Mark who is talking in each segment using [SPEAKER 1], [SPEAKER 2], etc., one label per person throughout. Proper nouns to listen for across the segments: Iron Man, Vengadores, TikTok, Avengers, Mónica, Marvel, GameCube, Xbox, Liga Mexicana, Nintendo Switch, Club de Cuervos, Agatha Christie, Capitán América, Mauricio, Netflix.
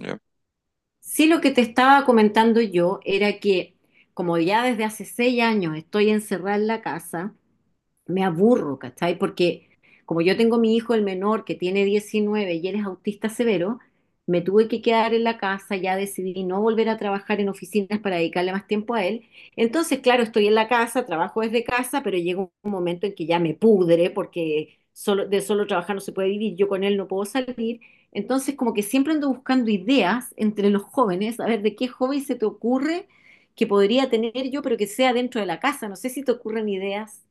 [SPEAKER 1] Ya.
[SPEAKER 2] Sí, lo que te estaba comentando yo era que como ya desde hace 6 años estoy encerrada en la casa, me aburro, ¿cachai? Porque como yo tengo mi hijo, el menor, que tiene 19 y él es autista severo, me tuve que quedar en la casa, ya decidí no volver a trabajar en oficinas para dedicarle más tiempo a él. Entonces, claro, estoy en la casa, trabajo desde casa, pero llega un momento en que ya me pudre porque de solo trabajar no se puede vivir, yo con él no puedo salir. Entonces, como que siempre ando buscando ideas entre los jóvenes, a ver de qué joven se te ocurre que podría tener yo, pero que sea dentro de la casa. No sé si te ocurren ideas.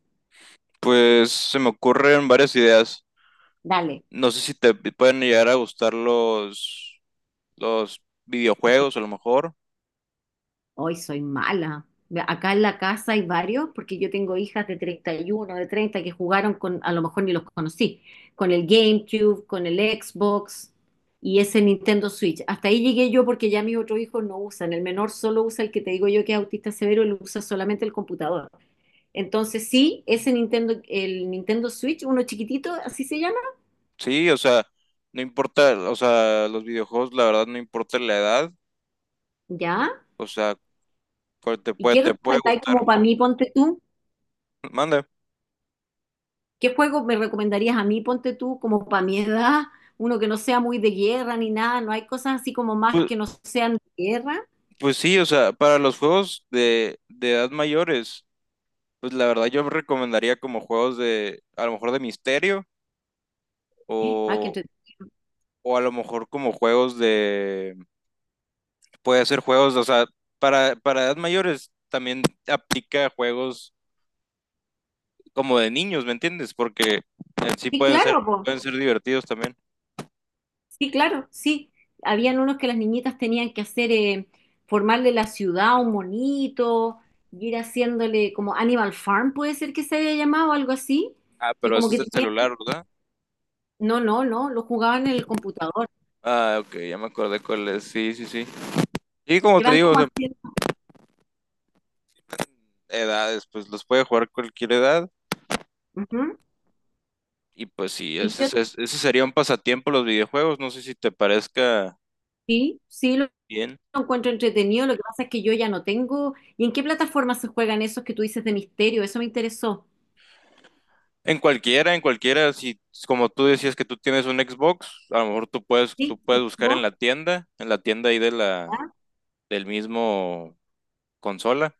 [SPEAKER 1] Pues se me ocurren varias ideas.
[SPEAKER 2] Dale.
[SPEAKER 1] No sé si te pueden llegar a gustar los
[SPEAKER 2] Ok.
[SPEAKER 1] videojuegos, a lo mejor.
[SPEAKER 2] Hoy soy mala. Acá en la casa hay varios, porque yo tengo hijas de 31 de 30 que jugaron con, a lo mejor ni los conocí, con el GameCube, con el Xbox y ese Nintendo Switch. Hasta ahí llegué yo porque ya mis otros hijos no usan. El menor solo usa el que te digo yo que es autista severo, él usa solamente el computador. Entonces, sí, ese Nintendo, el Nintendo Switch, uno chiquitito, así se llama,
[SPEAKER 1] Sí, o sea, no importa, o sea, los videojuegos, la verdad, no importa la edad.
[SPEAKER 2] ¿ya?
[SPEAKER 1] O sea,
[SPEAKER 2] ¿Y qué
[SPEAKER 1] te puede
[SPEAKER 2] recomendáis como
[SPEAKER 1] gustar.
[SPEAKER 2] para mí, ponte tú?
[SPEAKER 1] Manda.
[SPEAKER 2] ¿Qué juego me recomendarías a mí, ponte tú, como para mi edad? Uno que no sea muy de guerra ni nada, no hay cosas así como más
[SPEAKER 1] Pues,
[SPEAKER 2] que no sean de guerra.
[SPEAKER 1] pues sí, o sea, para los juegos de edad mayores, pues la verdad yo recomendaría como juegos de, a lo mejor de misterio
[SPEAKER 2] Ah, qué
[SPEAKER 1] o,
[SPEAKER 2] entre-
[SPEAKER 1] o a lo mejor como juegos de puede hacer juegos, o sea, para edad mayores también aplica juegos como de niños, ¿me entiendes? Porque en sí
[SPEAKER 2] Sí, claro, po.
[SPEAKER 1] pueden ser divertidos también.
[SPEAKER 2] Sí, claro, sí. Habían unos que las niñitas tenían que hacer, formarle la ciudad a un monito, y ir haciéndole como Animal Farm, puede ser que se haya llamado, algo así,
[SPEAKER 1] Ah,
[SPEAKER 2] que
[SPEAKER 1] pero
[SPEAKER 2] como
[SPEAKER 1] ese es
[SPEAKER 2] que
[SPEAKER 1] el
[SPEAKER 2] tenían que...
[SPEAKER 1] celular, ¿verdad?
[SPEAKER 2] No, no, no, lo jugaban en el computador.
[SPEAKER 1] Ah, ok, ya me acordé cuál es. Sí, sí, sí. Y como
[SPEAKER 2] Que
[SPEAKER 1] te
[SPEAKER 2] van
[SPEAKER 1] digo, o
[SPEAKER 2] como
[SPEAKER 1] sea,
[SPEAKER 2] haciendo...
[SPEAKER 1] edades, pues los puede jugar cualquier edad.
[SPEAKER 2] Ujú.
[SPEAKER 1] Y pues sí,
[SPEAKER 2] ¿Y qué otro?
[SPEAKER 1] ese sería un pasatiempo los videojuegos. No sé si te parezca
[SPEAKER 2] Sí, sí, lo
[SPEAKER 1] bien.
[SPEAKER 2] encuentro entretenido, lo que pasa es que yo ya no tengo. ¿Y en qué plataforma se juegan esos que tú dices de misterio? Eso me interesó.
[SPEAKER 1] En cualquiera, si como tú decías que tú tienes un Xbox, a lo mejor tú
[SPEAKER 2] ¿Sí?
[SPEAKER 1] puedes
[SPEAKER 2] ¿Sí?
[SPEAKER 1] buscar
[SPEAKER 2] ¿Vos?
[SPEAKER 1] en la tienda ahí
[SPEAKER 2] ¿Ya?
[SPEAKER 1] del mismo consola,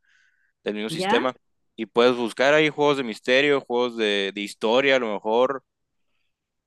[SPEAKER 1] del mismo
[SPEAKER 2] ¿Ya?
[SPEAKER 1] sistema, y puedes buscar ahí juegos de misterio, juegos de historia, a lo mejor.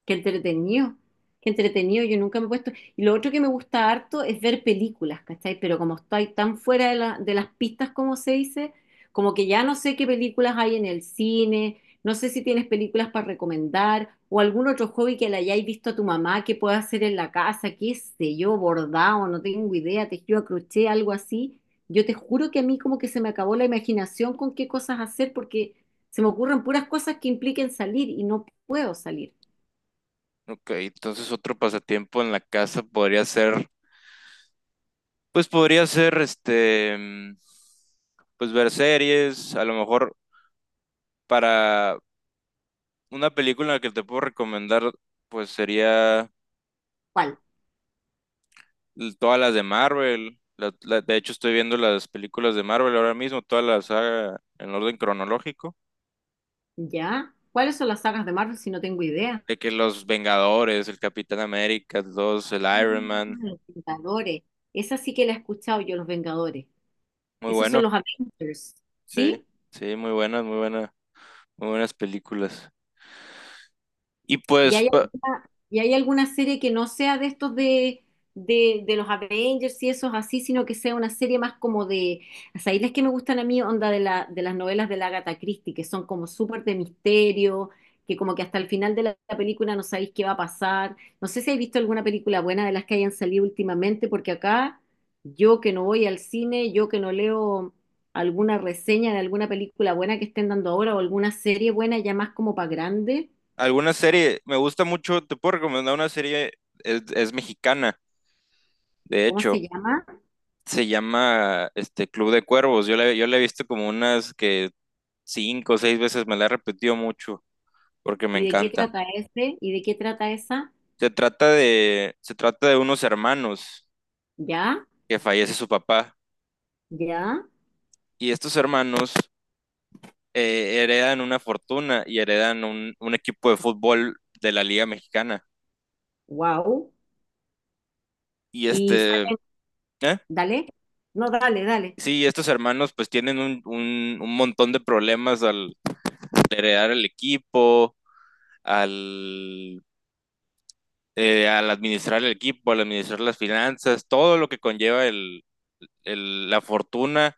[SPEAKER 2] Qué entretenido, qué entretenido, yo nunca me he puesto. Y lo otro que me gusta harto es ver películas, ¿cachai? Pero como estoy tan fuera de las pistas, como se dice, como que ya no sé qué películas hay en el cine, no sé si tienes películas para recomendar o algún otro hobby que le hayáis visto a tu mamá que pueda hacer en la casa, qué sé yo, bordado, no tengo idea, tejido a crochet, algo así. Yo te juro que a mí como que se me acabó la imaginación con qué cosas hacer porque se me ocurren puras cosas que impliquen salir y no puedo salir.
[SPEAKER 1] Ok, entonces otro pasatiempo en la casa podría ser, pues podría ser este, pues ver series, a lo mejor para una película que te puedo recomendar, pues sería
[SPEAKER 2] ¿Cuál?
[SPEAKER 1] todas las de Marvel. De hecho, estoy viendo las películas de Marvel ahora mismo, todas las saga en orden cronológico.
[SPEAKER 2] ¿Ya? ¿Cuáles son las sagas de Marvel si no tengo idea?
[SPEAKER 1] De que los Vengadores, el Capitán América, dos, el
[SPEAKER 2] Ah,
[SPEAKER 1] Iron Man.
[SPEAKER 2] Los Vengadores. Esa sí que la he escuchado yo, los Vengadores.
[SPEAKER 1] Muy
[SPEAKER 2] Esos son
[SPEAKER 1] bueno,
[SPEAKER 2] los Avengers.
[SPEAKER 1] sí,
[SPEAKER 2] ¿Sí?
[SPEAKER 1] sí, muy buenas, muy buenas, muy buenas películas. Y
[SPEAKER 2] ¿Y hay alguna, y hay alguna serie que no sea de estos de los Avengers y esos así, sino que sea una serie más como de, o sea, ahí las que me gustan a mí, onda de las novelas de la Agatha Christie, que son como súper de misterio, que como que hasta el final de la película no sabéis qué va a pasar. No sé si habéis visto alguna película buena de las que hayan salido últimamente, porque acá yo que no voy al cine, yo que no leo alguna reseña de alguna película buena que estén dando ahora o alguna serie buena ya más como para grande,
[SPEAKER 1] alguna serie, me gusta mucho, te puedo recomendar una serie, es mexicana, de
[SPEAKER 2] ¿cómo se
[SPEAKER 1] hecho,
[SPEAKER 2] llama?
[SPEAKER 1] se llama este Club de Cuervos. Yo la he visto como unas que cinco o seis veces, me la he repetido mucho, porque me
[SPEAKER 2] ¿Y de qué
[SPEAKER 1] encanta.
[SPEAKER 2] trata este? ¿Y de qué trata esa?
[SPEAKER 1] Se trata de unos hermanos
[SPEAKER 2] Ya,
[SPEAKER 1] que fallece su papá
[SPEAKER 2] ya,
[SPEAKER 1] y estos hermanos heredan una fortuna y heredan un equipo de fútbol de la Liga Mexicana.
[SPEAKER 2] wow.
[SPEAKER 1] Y
[SPEAKER 2] Y
[SPEAKER 1] este,
[SPEAKER 2] sale-
[SPEAKER 1] ¿eh?
[SPEAKER 2] Dale, no, dale, dale,
[SPEAKER 1] Sí, estos hermanos pues tienen un montón de problemas al heredar el equipo, al, al administrar el equipo, al administrar las finanzas, todo lo que conlleva la fortuna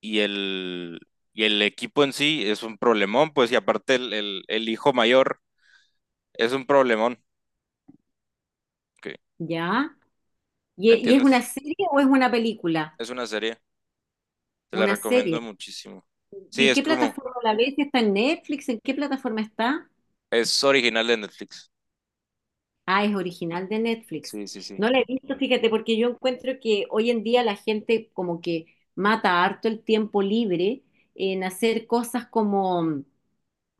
[SPEAKER 1] y el, y el equipo en sí es un problemón, pues, y aparte el hijo mayor es un problemón, que,
[SPEAKER 2] ya. ¿Y,
[SPEAKER 1] ¿me
[SPEAKER 2] y es una
[SPEAKER 1] entiendes?
[SPEAKER 2] serie o es una película?
[SPEAKER 1] Es una serie, te la
[SPEAKER 2] Una
[SPEAKER 1] recomiendo
[SPEAKER 2] serie.
[SPEAKER 1] muchísimo.
[SPEAKER 2] ¿Y
[SPEAKER 1] Sí,
[SPEAKER 2] en
[SPEAKER 1] es
[SPEAKER 2] qué
[SPEAKER 1] como,
[SPEAKER 2] plataforma la ves? Si ¿está en Netflix? ¿En qué plataforma está?
[SPEAKER 1] es original de Netflix.
[SPEAKER 2] Ah, es original de Netflix.
[SPEAKER 1] Sí, sí, sí.
[SPEAKER 2] No la he visto, fíjate, porque yo encuentro que hoy en día la gente como que mata harto el tiempo libre en hacer cosas como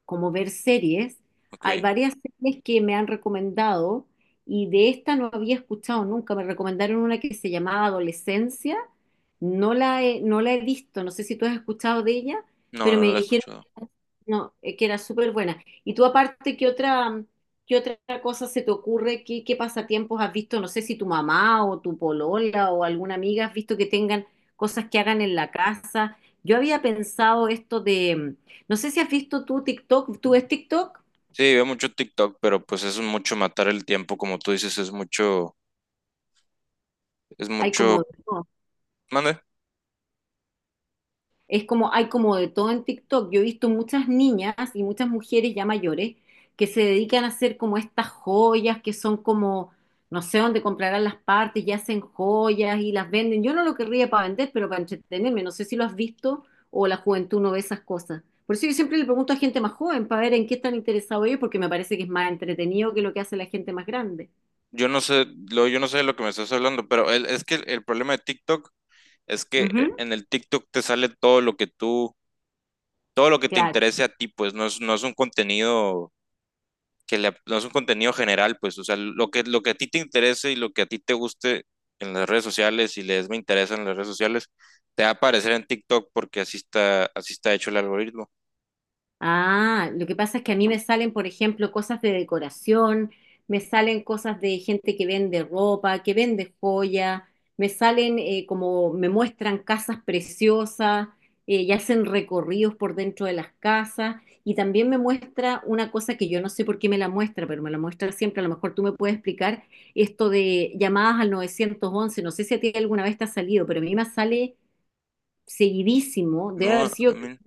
[SPEAKER 2] como ver series.
[SPEAKER 1] Ok,
[SPEAKER 2] Hay varias series que me han recomendado y de esta no había escuchado nunca. Me recomendaron una que se llamaba Adolescencia. No la he visto, no sé si tú has escuchado de ella,
[SPEAKER 1] no,
[SPEAKER 2] pero
[SPEAKER 1] no
[SPEAKER 2] me
[SPEAKER 1] la he
[SPEAKER 2] dijeron
[SPEAKER 1] escuchado.
[SPEAKER 2] que, no, que era súper buena. Y tú aparte, ¿qué otra cosa se te ocurre? ¿Qué pasatiempos has visto? No sé si tu mamá o tu polola o alguna amiga has visto que tengan cosas que hagan en la casa. Yo había pensado esto de no sé si has visto tú TikTok, ¿tú ves TikTok?
[SPEAKER 1] Sí, veo mucho TikTok, pero pues es mucho matar el tiempo, como tú dices, es
[SPEAKER 2] Hay como
[SPEAKER 1] mucho,
[SPEAKER 2] de todo.
[SPEAKER 1] mande.
[SPEAKER 2] Es como, hay como de todo en TikTok. Yo he visto muchas niñas y muchas mujeres ya mayores que se dedican a hacer como estas joyas que son como, no sé dónde comprarán las partes y hacen joyas y las venden. Yo no lo querría para vender, pero para entretenerme. No sé si lo has visto o la juventud no ve esas cosas. Por eso yo siempre le pregunto a gente más joven para ver en qué están interesados ellos, porque me parece que es más entretenido que lo que hace la gente más grande.
[SPEAKER 1] Yo no sé, lo, yo no sé de lo que me estás hablando, pero es que el problema de TikTok es que
[SPEAKER 2] Ujú,
[SPEAKER 1] en el TikTok te sale todo lo que tú todo lo que te
[SPEAKER 2] claro.
[SPEAKER 1] interese a ti, pues no es, no es un contenido no es un contenido general, pues, o sea, lo que a ti te interese y lo que a ti te guste en las redes sociales y les me interesa en las redes sociales, te va a aparecer en TikTok porque así está hecho el algoritmo.
[SPEAKER 2] Ah, lo que pasa es que a mí me salen, por ejemplo, cosas de decoración, me salen cosas de gente que vende ropa, que vende joya, me salen como me muestran casas preciosas y hacen recorridos por dentro de las casas y también me muestra una cosa que yo no sé por qué me la muestra, pero me la muestra siempre, a lo mejor tú me puedes explicar esto de llamadas al 911. No sé si a ti alguna vez te ha salido, pero a mí me sale seguidísimo, debe
[SPEAKER 1] No,
[SPEAKER 2] haber sido,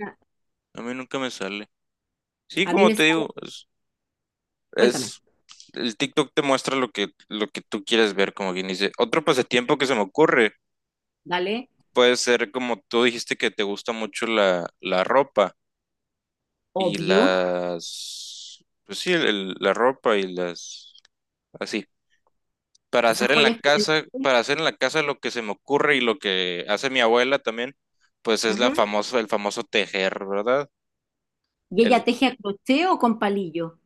[SPEAKER 1] a mí nunca me sale. Sí,
[SPEAKER 2] A mí
[SPEAKER 1] como
[SPEAKER 2] me
[SPEAKER 1] te
[SPEAKER 2] sale,
[SPEAKER 1] digo,
[SPEAKER 2] cuéntame.
[SPEAKER 1] es- el TikTok te muestra lo que tú quieres ver, como quien dice. Otro pasatiempo que se me ocurre
[SPEAKER 2] ¿Vale?
[SPEAKER 1] puede ser como tú dijiste que te gusta mucho la ropa. Y
[SPEAKER 2] Obvio,
[SPEAKER 1] las, pues sí, la ropa y las, así, para
[SPEAKER 2] esas
[SPEAKER 1] hacer en la
[SPEAKER 2] joyas que... tiene.
[SPEAKER 1] casa, para hacer en la casa lo que se me ocurre y lo que hace mi abuela también, pues es la
[SPEAKER 2] Ujú.
[SPEAKER 1] famoso el famoso tejer, ¿verdad?
[SPEAKER 2] Y
[SPEAKER 1] El
[SPEAKER 2] ella teje a crochet o con palillo.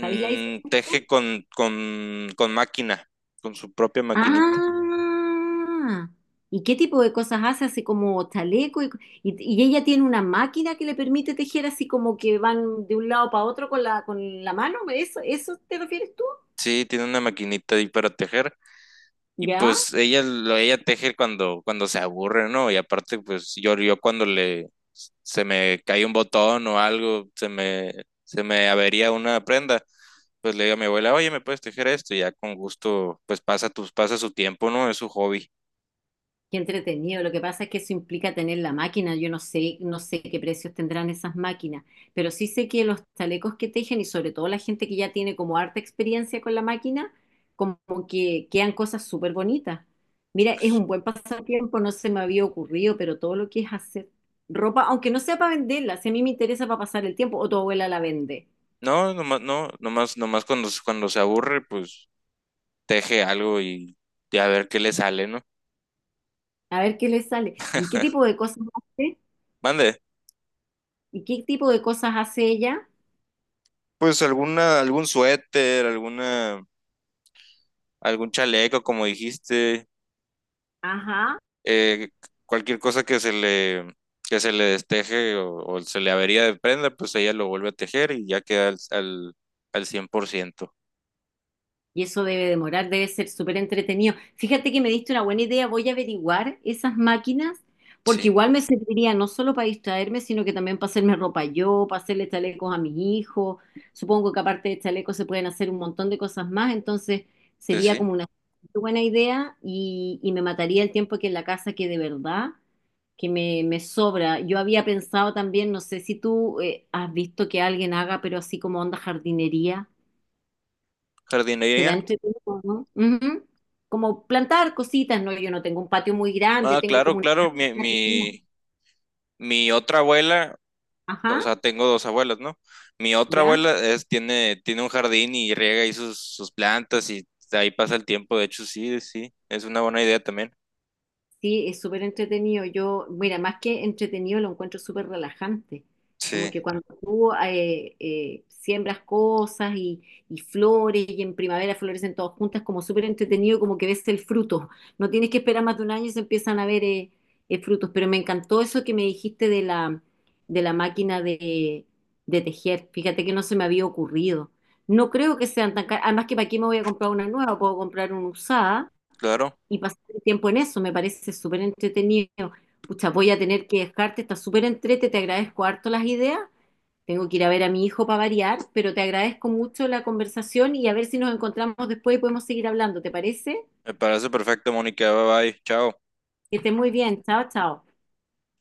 [SPEAKER 2] ¿Sabéis la diferencia?
[SPEAKER 1] teje con máquina, con su propia maquinita.
[SPEAKER 2] Ah, ¿y qué tipo de cosas hace? Así como chaleco y, y ella tiene una máquina que le permite tejer así como que van de un lado para otro con la mano. ¿Eso te refieres tú?
[SPEAKER 1] Sí, tiene una maquinita ahí para tejer. Y
[SPEAKER 2] ¿Ya?
[SPEAKER 1] pues ella teje cuando se aburre, ¿no? Y aparte, pues yo cuando le se me cae un botón o algo, se me avería una prenda, pues le digo a mi abuela, oye, ¿me puedes tejer esto? Y ya con gusto, pasa su tiempo, ¿no? Es su hobby.
[SPEAKER 2] Qué entretenido. Lo que pasa es que eso implica tener la máquina. Yo no sé qué precios tendrán esas máquinas, pero sí sé que los chalecos que tejen y sobre todo la gente que ya tiene como harta experiencia con la máquina, como que quedan cosas súper bonitas. Mira, es un buen pasatiempo, no se me había ocurrido, pero todo lo que es hacer ropa, aunque no sea para venderla, si a mí me interesa para pasar el tiempo, o tu abuela la vende.
[SPEAKER 1] No, nomás, no, nomás, nomás cuando, cuando se aburre, pues teje algo y a ver qué le sale, ¿no?
[SPEAKER 2] A ver qué le sale. ¿Y qué tipo de cosas hace?
[SPEAKER 1] Mande.
[SPEAKER 2] ¿Y qué tipo de cosas hace ella?
[SPEAKER 1] Pues alguna, algún suéter, alguna, algún chaleco, como dijiste,
[SPEAKER 2] Ajá.
[SPEAKER 1] eh, cualquier cosa que se le desteje o se le avería de prenda, pues ella lo vuelve a tejer y ya queda al 100%.
[SPEAKER 2] Y eso debe demorar, debe ser súper entretenido. Fíjate que me diste una buena idea, voy a averiguar esas máquinas, porque
[SPEAKER 1] Sí,
[SPEAKER 2] igual me serviría no solo para distraerme, sino que también para hacerme ropa yo, para hacerle chalecos a mis hijos. Supongo que aparte de chalecos se pueden hacer un montón de cosas más, entonces
[SPEAKER 1] sí,
[SPEAKER 2] sería
[SPEAKER 1] sí.
[SPEAKER 2] como una buena idea y me mataría el tiempo que en la casa que de verdad que me sobra. Yo había pensado también, no sé si tú has visto que alguien haga, pero así como onda jardinería. Será
[SPEAKER 1] Jardinería.
[SPEAKER 2] entretenido, ¿no? Ujú. Como plantar cositas, ¿no? Yo no tengo un patio muy grande,
[SPEAKER 1] Ah,
[SPEAKER 2] tengo como
[SPEAKER 1] claro, claro,
[SPEAKER 2] una pequeña.
[SPEAKER 1] mi otra abuela, o
[SPEAKER 2] Ajá,
[SPEAKER 1] sea, tengo dos abuelas, ¿no? Mi otra
[SPEAKER 2] ¿ya?
[SPEAKER 1] abuela es, tiene, tiene un jardín y riega ahí sus, sus plantas y ahí pasa el tiempo. De hecho, sí, sí, es una buena idea también.
[SPEAKER 2] Sí, es súper entretenido. Yo, mira, más que entretenido, lo encuentro súper relajante. Como
[SPEAKER 1] Sí,
[SPEAKER 2] que cuando tú siembras cosas y flores y en primavera florecen todas juntas, como súper entretenido, como que ves el fruto. No tienes que esperar más de un año y se empiezan a ver frutos. Pero me encantó eso que me dijiste de la máquina de tejer. Fíjate que no se me había ocurrido. No creo que sean tan caras. Además que para aquí me voy a comprar una nueva, puedo comprar una usada
[SPEAKER 1] claro.
[SPEAKER 2] y pasar el tiempo en eso, me parece súper entretenido. Pucha, voy a tener que dejarte, está súper entrete, te agradezco harto las ideas. Tengo que ir a ver a mi hijo para variar, pero te agradezco mucho la conversación y a ver si nos encontramos después y podemos seguir hablando, ¿te parece?
[SPEAKER 1] Me parece perfecto, Mónica. Bye bye. Chao.
[SPEAKER 2] Que estés muy bien, chao, chao.